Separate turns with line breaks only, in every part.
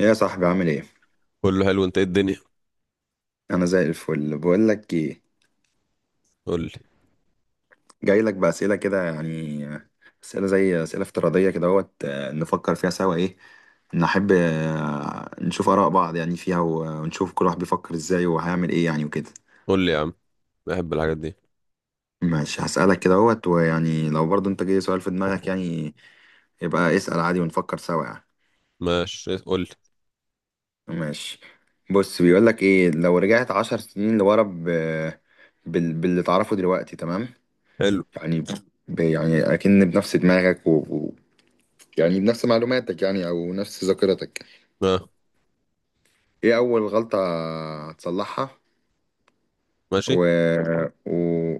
يا صاحبي عامل ايه؟
كله حلو، انت ايه الدنيا؟
انا زي الفل. بقول لك ايه،
قول لي.
جاي لك باسئله كده يعني، اسئله زي اسئله افتراضيه كده اهوت، نفكر فيها سوا. ايه، نحب نشوف اراء بعض يعني فيها ونشوف كل واحد بيفكر ازاي وهيعمل ايه يعني وكده.
قول لي يا عم. بحب الحاجات دي.
ماشي هسالك كده اهوت، ويعني لو برضو انت جاي سؤال في دماغك يعني، يبقى اسال عادي ونفكر سوا يعني.
ماشي، قول لي.
ماشي، بص بيقول لك ايه: لو رجعت عشر سنين لورا باللي تعرفه دلوقتي، تمام؟
حلو.
يعني يعني اكن بنفس دماغك يعني بنفس معلوماتك يعني او نفس ذاكرتك.
اه.
ايه اول غلطة هتصلحها و...
ماشي.
و...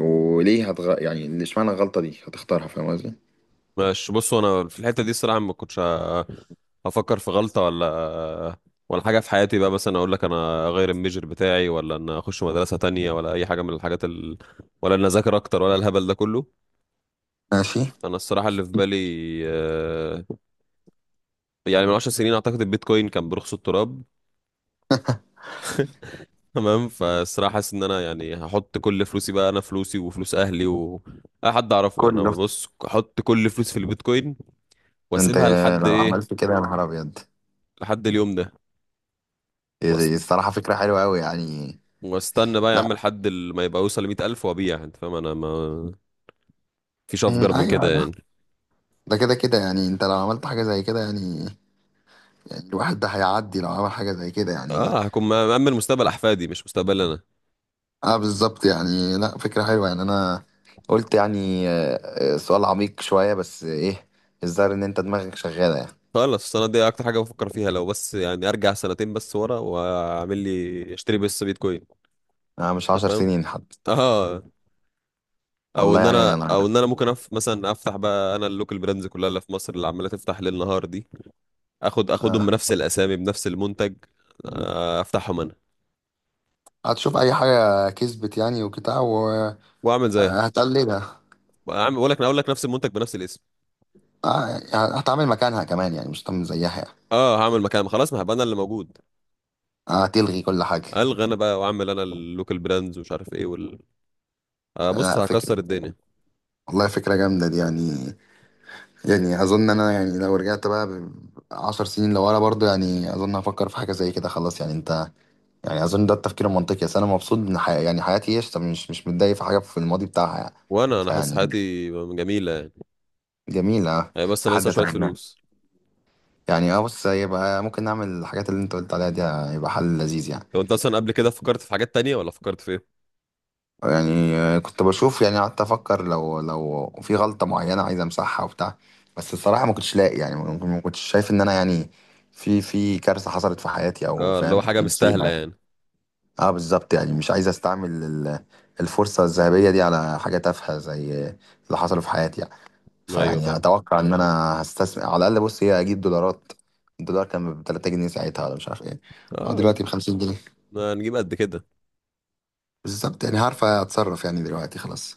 وليه يعني اللي اشمعنى الغلطة دي هتختارها، فاهم قصدي؟
ماشي، بص انا في الحته دي الصراحه ما كنتش هفكر في غلطه ولا حاجه في حياتي، بقى مثلا اقول لك انا اغير الميجر بتاعي ولا ان اخش مدرسه تانية ولا اي حاجه من الحاجات ولا ان اذاكر اكتر ولا الهبل ده كله.
ماشي.
انا الصراحه اللي في بالي، آه، يعني من 10 سنين اعتقد البيتكوين كان برخص التراب. تمام، فالصراحة حاسس ان انا يعني هحط كل فلوسي، بقى انا فلوسي وفلوس اهلي و اي حد اعرفه، يعني انا
كله؟
بص احط كل فلوس في البيتكوين،
انت
واسيبها لحد
لو
ايه؟
عملت كده يا نهار ابيض.
لحد اليوم ده. وأست...
الصراحة فكرة حلوة قوي يعني.
واستنى بقى يا عم
لا،
لحد ما يبقى يوصل ل100 ألف وابيع، انت فاهم؟ انا ما فيش افجر من
ايوه.
كده
انا،
يعني.
ده كده كده يعني، انت لو عملت حاجة زي كده يعني، يعني الواحد ده هيعدي لو عمل حاجة زي كده يعني.
اه، هكون مأمن مستقبل احفادي مش مستقبل انا.
اه بالظبط يعني. لا فكرة حلوة يعني. انا قلت يعني سؤال عميق شوية بس ايه، الظاهر ان انت دماغك شغالة يعني.
خلاص السنة دي اكتر حاجة بفكر فيها لو بس يعني ارجع سنتين بس ورا واعمل لي اشتري بس بيتكوين،
انا مش
انت
عشر
فاهم؟
سنين حد،
اه. او
والله
ان
يعني
انا
انا.
او ان انا ممكن مثلا افتح بقى انا اللوكال براندز كلها اللي في مصر اللي عماله تفتح ليل نهار دي، اخدهم
آه،
بنفس الاسامي بنفس المنتج. افتحهم انا،
هتشوف اي حاجة كسبت يعني وبتاع
واعمل زيها.
وهتقلدها.
اعمل، اقول لك نفس المنتج بنفس الاسم.
آه هتعمل مكانها كمان يعني، مش هتعمل زيها يعني.
اه، هعمل مكان، خلاص ما هبقى انا اللي موجود.
هتلغي كل حاجة.
الغى انا بقى واعمل انا اللوكال براندز ومش عارف ايه بص
لا فكرة،
هكسر الدنيا.
والله فكرة جامدة دي يعني. يعني أظن أنا يعني لو رجعت بقى عشر سنين لورا برضو، يعني أظن هفكر في حاجة زي كده، خلاص يعني أنت. يعني اظن ده التفكير المنطقي، اصل انا مبسوط ان يعني حياتي قشطه، مش متضايق في حاجه في الماضي بتاعها يعني.
وانا حاسس
فيعني
حياتي جميله يعني.
جميله
هي بس انا
لحد
لسه شويه
اتمناه
فلوس.
يعني. اه بص، يبقى ممكن نعمل الحاجات اللي انت قلت عليها دي، يبقى حل لذيذ يعني.
لو انت اصلا قبل كده فكرت في حاجات تانية ولا فكرت في ايه؟
يعني كنت بشوف يعني، قعدت افكر لو في غلطه معينه عايز امسحها وبتاع، بس الصراحه ما كنتش لاقي يعني، ما كنتش شايف ان انا يعني في في كارثه حصلت في حياتي او
اه اللي هو
فاهم
حاجه مستاهله
مصيبه.
يعني.
اه بالظبط يعني. مش عايز استعمل الفرصة الذهبية دي على حاجة تافهة زي اللي حصل في حياتي يعني.
ايوه
فيعني
فاهم.
اتوقع ان انا هستثمر على الاقل، بص هي اجيب دولارات. الدولار كان ب 3 جنيه ساعتها ولا مش عارف ايه. اه
اه،
دلوقتي ب 50 جنيه.
هنجيب قد كده.
بالظبط يعني، عارف اتصرف يعني دلوقتي خلاص.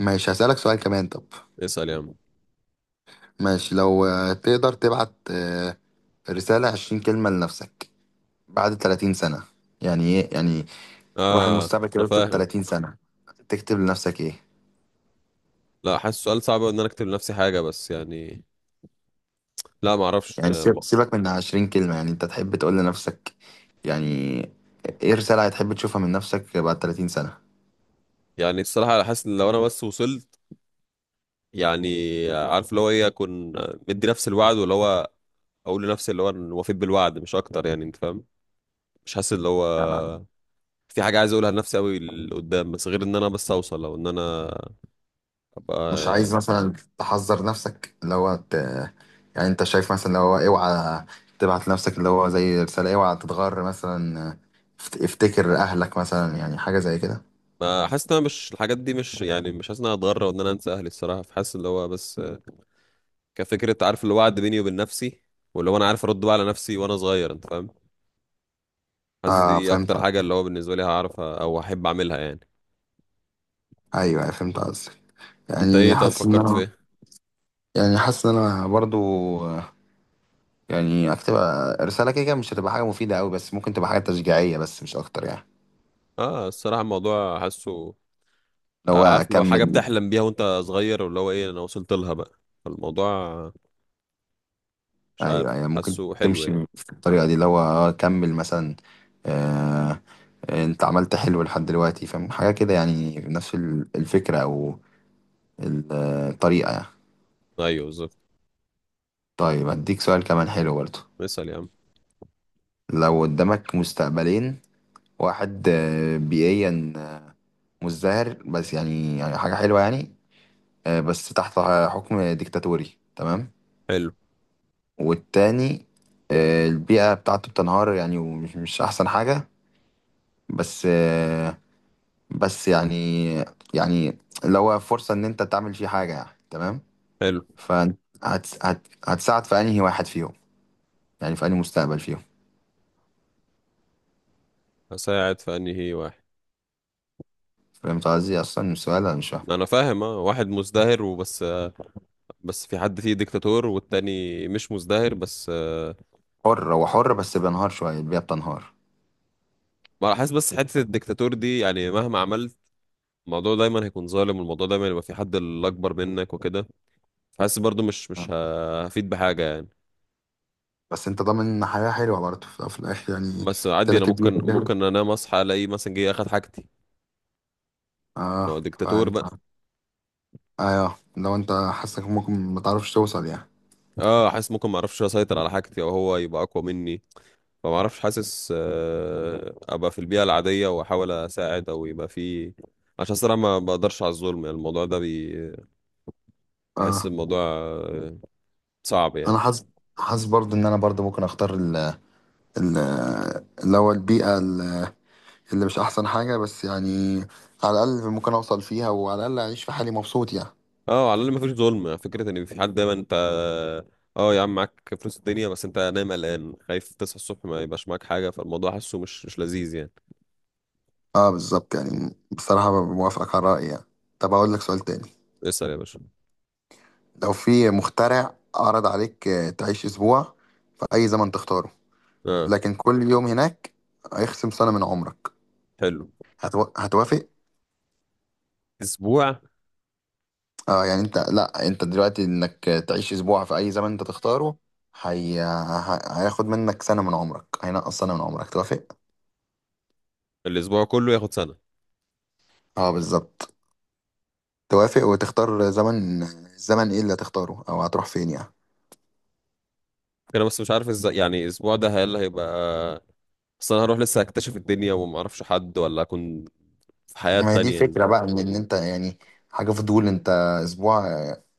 ماشي هسألك سؤال كمان طب.
اسأل يا عم.
ماشي، لو تقدر تبعت رسالة 20 كلمة لنفسك بعد 30 سنة، يعني ايه يعني، روح
اه.
المستقبل
انا
كده اكتب
فاهم.
30 سنة، تكتب لنفسك ايه؟
لا، حاسس سؤال صعب أوي ان انا اكتب لنفسي حاجة، بس يعني لا ما اعرفش،
يعني سيبك من 20 كلمة يعني، انت تحب تقول لنفسك يعني ايه رسالة، هتحب تشوفها من نفسك بعد 30 سنة؟
يعني الصراحة حاسس ان لو انا بس وصلت يعني، عارف اللي هو ايه؟ اكون مدي نفسي الوعد، واللي هو اقول لنفسي اللي هو أنا وفيت بالوعد، مش اكتر يعني، انت فاهم؟ مش حاسس اللي هو
يعني
في حاجة عايز اقولها لنفسي قوي لقدام، بس غير ان انا بس اوصل او ان انا
مش
ابقى.
عايز مثلا تحذر نفسك اللي هو يعني انت شايف مثلا اللي هو اوعى تبعت لنفسك اللي هو زي رسالة اوعى تتغر مثلا، افتكر اهلك مثلا، يعني حاجة زي كده.
ما حاسس ان انا، مش الحاجات دي، مش يعني مش حاسس ان انا هتغرى وان انا انسى اهلي الصراحة، فحاسس اللي هو بس كفكرة عارف اللي هو وعد بيني وبين نفسي، واللي هو انا عارف ارد بقى على نفسي وانا صغير، انت فاهم؟ حاسس
اه
دي
فهمت،
اكتر حاجة اللي هو بالنسبة لي هعرف او احب اعملها يعني.
ايوه فهمت قصدك.
انت ايه؟
يعني
طب
حاسس ان
فكرت في
انا
ايه؟
يعني، حاسس ان انا برضو يعني هكتبها رسالة كده كده، مش هتبقى حاجة مفيدة أوي بس ممكن تبقى حاجة تشجيعية بس مش أكتر يعني.
اه الصراحة الموضوع حاسه
اللي هو
عارف اللي هو، حاجة
أكمل.
بتحلم بيها وانت صغير واللي هو ايه؟ انا وصلت لها بقى، فالموضوع مش عارف،
أيوه أيوه، ممكن
حاسه حلو
تمشي
يعني.
بالطريقة دي اللي هو، كمل مثلا. آه أنت عملت حلو لحد دلوقتي، فاهم حاجة كده يعني نفس الفكرة أو الطريقة يعني.
ايوه بالظبط.
طيب هديك سؤال كمان حلو برضه.
مثل يا عم.
لو قدامك مستقبلين: واحد بيئيا مزدهر بس، يعني يعني حاجة حلوة يعني، بس تحت حكم ديكتاتوري، تمام.
حلو.
والتاني البيئة بتاعته بتنهار يعني، ومش مش أحسن حاجة، بس آه، بس يعني، يعني اللي هو فرصة إن أنت تعمل فيه حاجة يعني، تمام.
حلو.
فهتساعد في أنهي واحد فيهم، يعني في أنهي مستقبل فيهم؟
هساعد في انهي واحد.
فهمت قصدي أصلا السؤال أنا مش فاهم.
انا فاهم. اه، واحد مزدهر وبس، بس في حد فيه ديكتاتور، والتاني مش مزدهر بس.
حر، هو حر بس بينهار شوية، البيئة بتنهار.
ما انا حاسس بس حته الدكتاتور دي يعني مهما عملت الموضوع دايما هيكون ظالم، والموضوع دايما يبقى في حد الاكبر منك وكده. حاسس برضو مش
آه.
هفيد بحاجه يعني.
بس انت ضامن حياة حلوة برضه في في الاخر يعني،
بس عادي، انا
تلك البيئة
ممكن
فاهم؟
ممكن انام اصحى الاقي مثلا جه اخد حاجتي.
اه،
ما هو دكتاتور
فانت،
بقى.
ايوه لو انت حاسك ممكن ما تعرفش توصل يعني.
اه، حاسس ممكن ما اعرفش اسيطر على حاجتي، او هو يبقى اقوى مني، فما اعرفش. حاسس ابقى في البيئه العاديه واحاول اساعد، او يبقى في، عشان الصراحه ما بقدرش على الظلم يعني، الموضوع ده بحس
اه
الموضوع صعب يعني.
انا حاسس، حاسس برضو ان انا برضو ممكن اختار ال ال اللي هو البيئه اللي مش احسن حاجه بس يعني، على الاقل ممكن اوصل فيها وعلى الاقل اعيش في حالي مبسوط يعني.
اه، على الاقل مفيش ظلم، فكره ان في حد دايما انت. اه يا عم، معاك فلوس الدنيا بس انت نايم قلقان خايف تصحى الصبح ما يبقاش معاك حاجه، فالموضوع حاسه مش لذيذ يعني.
اه بالظبط يعني، بصراحه موافقك على رايي يعني. طب اقول لك سؤال تاني.
اسال يا باشا.
لو في مخترع عرض عليك تعيش اسبوع في اي زمن تختاره،
اه.
لكن كل يوم هناك هيخصم سنه من عمرك،
حلو.
هتوافق؟
اسبوع.
اه يعني انت، لا انت دلوقتي انك تعيش اسبوع في اي زمن انت تختاره، هياخد منك سنة من عمرك، هينقص سنة من عمرك، توافق؟
الاسبوع كله ياخد سنه؟
اه بالظبط. توافق وتختار زمن، الزمن ايه اللي هتختاره او هتروح فين يعني؟
انا بس مش عارف ازاي يعني الاسبوع ده هل هيبقى، اصل انا هروح لسه اكتشف الدنيا وما اعرفش حد ولا اكون في حياه
ما هي دي
تانية يعني.
الفكرة بقى، ان إن انت يعني حاجة فضول، انت اسبوع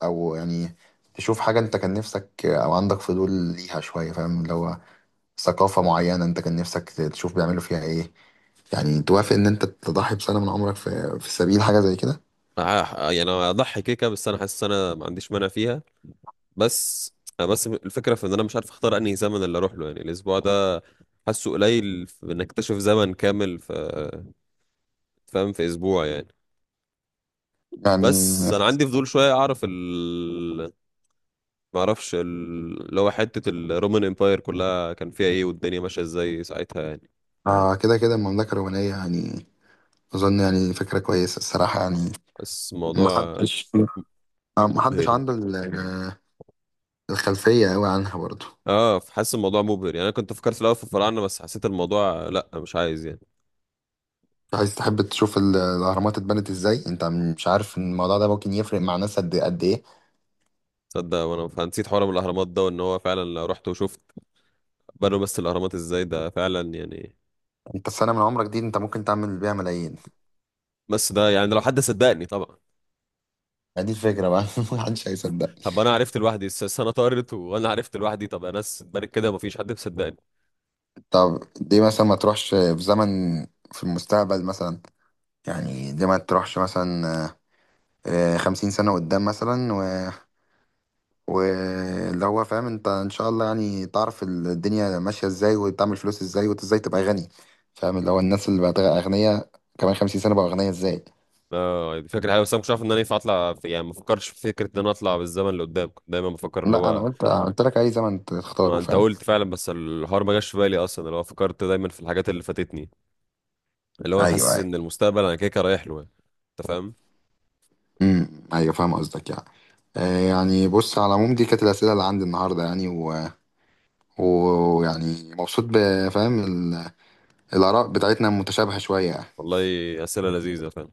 او يعني تشوف حاجة انت كان نفسك او عندك فضول ليها شوية، فاهم اللي هو ثقافة معينة انت كان نفسك تشوف بيعملوا فيها ايه، يعني توافق ان انت تضحي بسنة من عمرك في في سبيل حاجة زي كده؟
يعني اضحي كيكه، بس انا حاسس انا ما عنديش مانع فيها. بس أنا بس الفكرة في ان انا مش عارف اختار انهي زمن اللي اروح له يعني الاسبوع ده. حاسه قليل في انك تكتشف زمن كامل في، فاهم، في اسبوع يعني. بس
يعني
انا عندي فضول شوية اعرف ما اعرفش اللي هو حتة الرومان امباير كلها كان فيها ايه والدنيا ماشية ازاي ساعتها يعني.
آه كده كده المملكة الرومانية يعني. أظن يعني فكرة كويسة الصراحة يعني.
بس الموضوع
محدش، محدش
مبهر يعني.
عنده الخلفية أوي عنها برضه.
اه حاسس الموضوع مبهر يعني، انا كنت فكرت في الاول في الفراعنة، بس حسيت الموضوع لا مش عايز يعني.
عايز تحب تشوف الأهرامات اتبنت إزاي؟ أنت مش عارف إن الموضوع ده ممكن يفرق مع ناس قد قد إيه.
تصدق وانا فنسيت حوار من الاهرامات ده، وان هو فعلا لو رحت وشفت بنوا بس الاهرامات ازاي، ده فعلا يعني.
أنت السنة من عمرك دي أنت ممكن تعمل بيها ملايين،
بس ده يعني لو حد صدقني طبعا.
يعني دي الفكرة بقى. محدش هيصدق.
طب انا عرفت لوحدي، السنه طارت وانا عرفت لوحدي، طب يا ناس اتبنت كده ومفيش حد مصدقني.
طب دي مثلا ما تروحش في زمن، في المستقبل مثلا. يعني دي ما تروحش مثلا خمسين سنة قدام مثلا، واللي هو فاهم انت ان شاء الله يعني تعرف الدنيا ماشية ازاي وتعمل فلوس ازاي، وانت ازاي تبقى غني، فاهم اللي هو الناس اللي بقت اغنياء كمان 50 سنة بقى اغنياء ازاي.
اه دي فكره حلوه، بس انا مش عارف ان انا ينفع اطلع في، يعني ما بفكرش في فكره ان انا اطلع بالزمن لقدام، كنت دايما بفكر اللي
لا انا
هو.
قلت لك اي زمن
ما
تختاره
انت
فاهم.
قلت فعلا، بس الحوار ما جاش في بالي اصلا، اللي هو فكرت دايما في الحاجات اللي فاتتني، اللي هو انا
ايوه
حاسس
ايوه.
ان المستقبل انا كده كده رايح له يعني. انت فاهم.
امم، ايوه فاهم قصدك يعني. يعني بص، على العموم دي كانت الأسئلة اللي عندي النهاردة يعني ويعني مبسوط، بفهم الآراء بتاعتنا متشابهة شوية يعني.
والله اسئله لذيذه فعلا.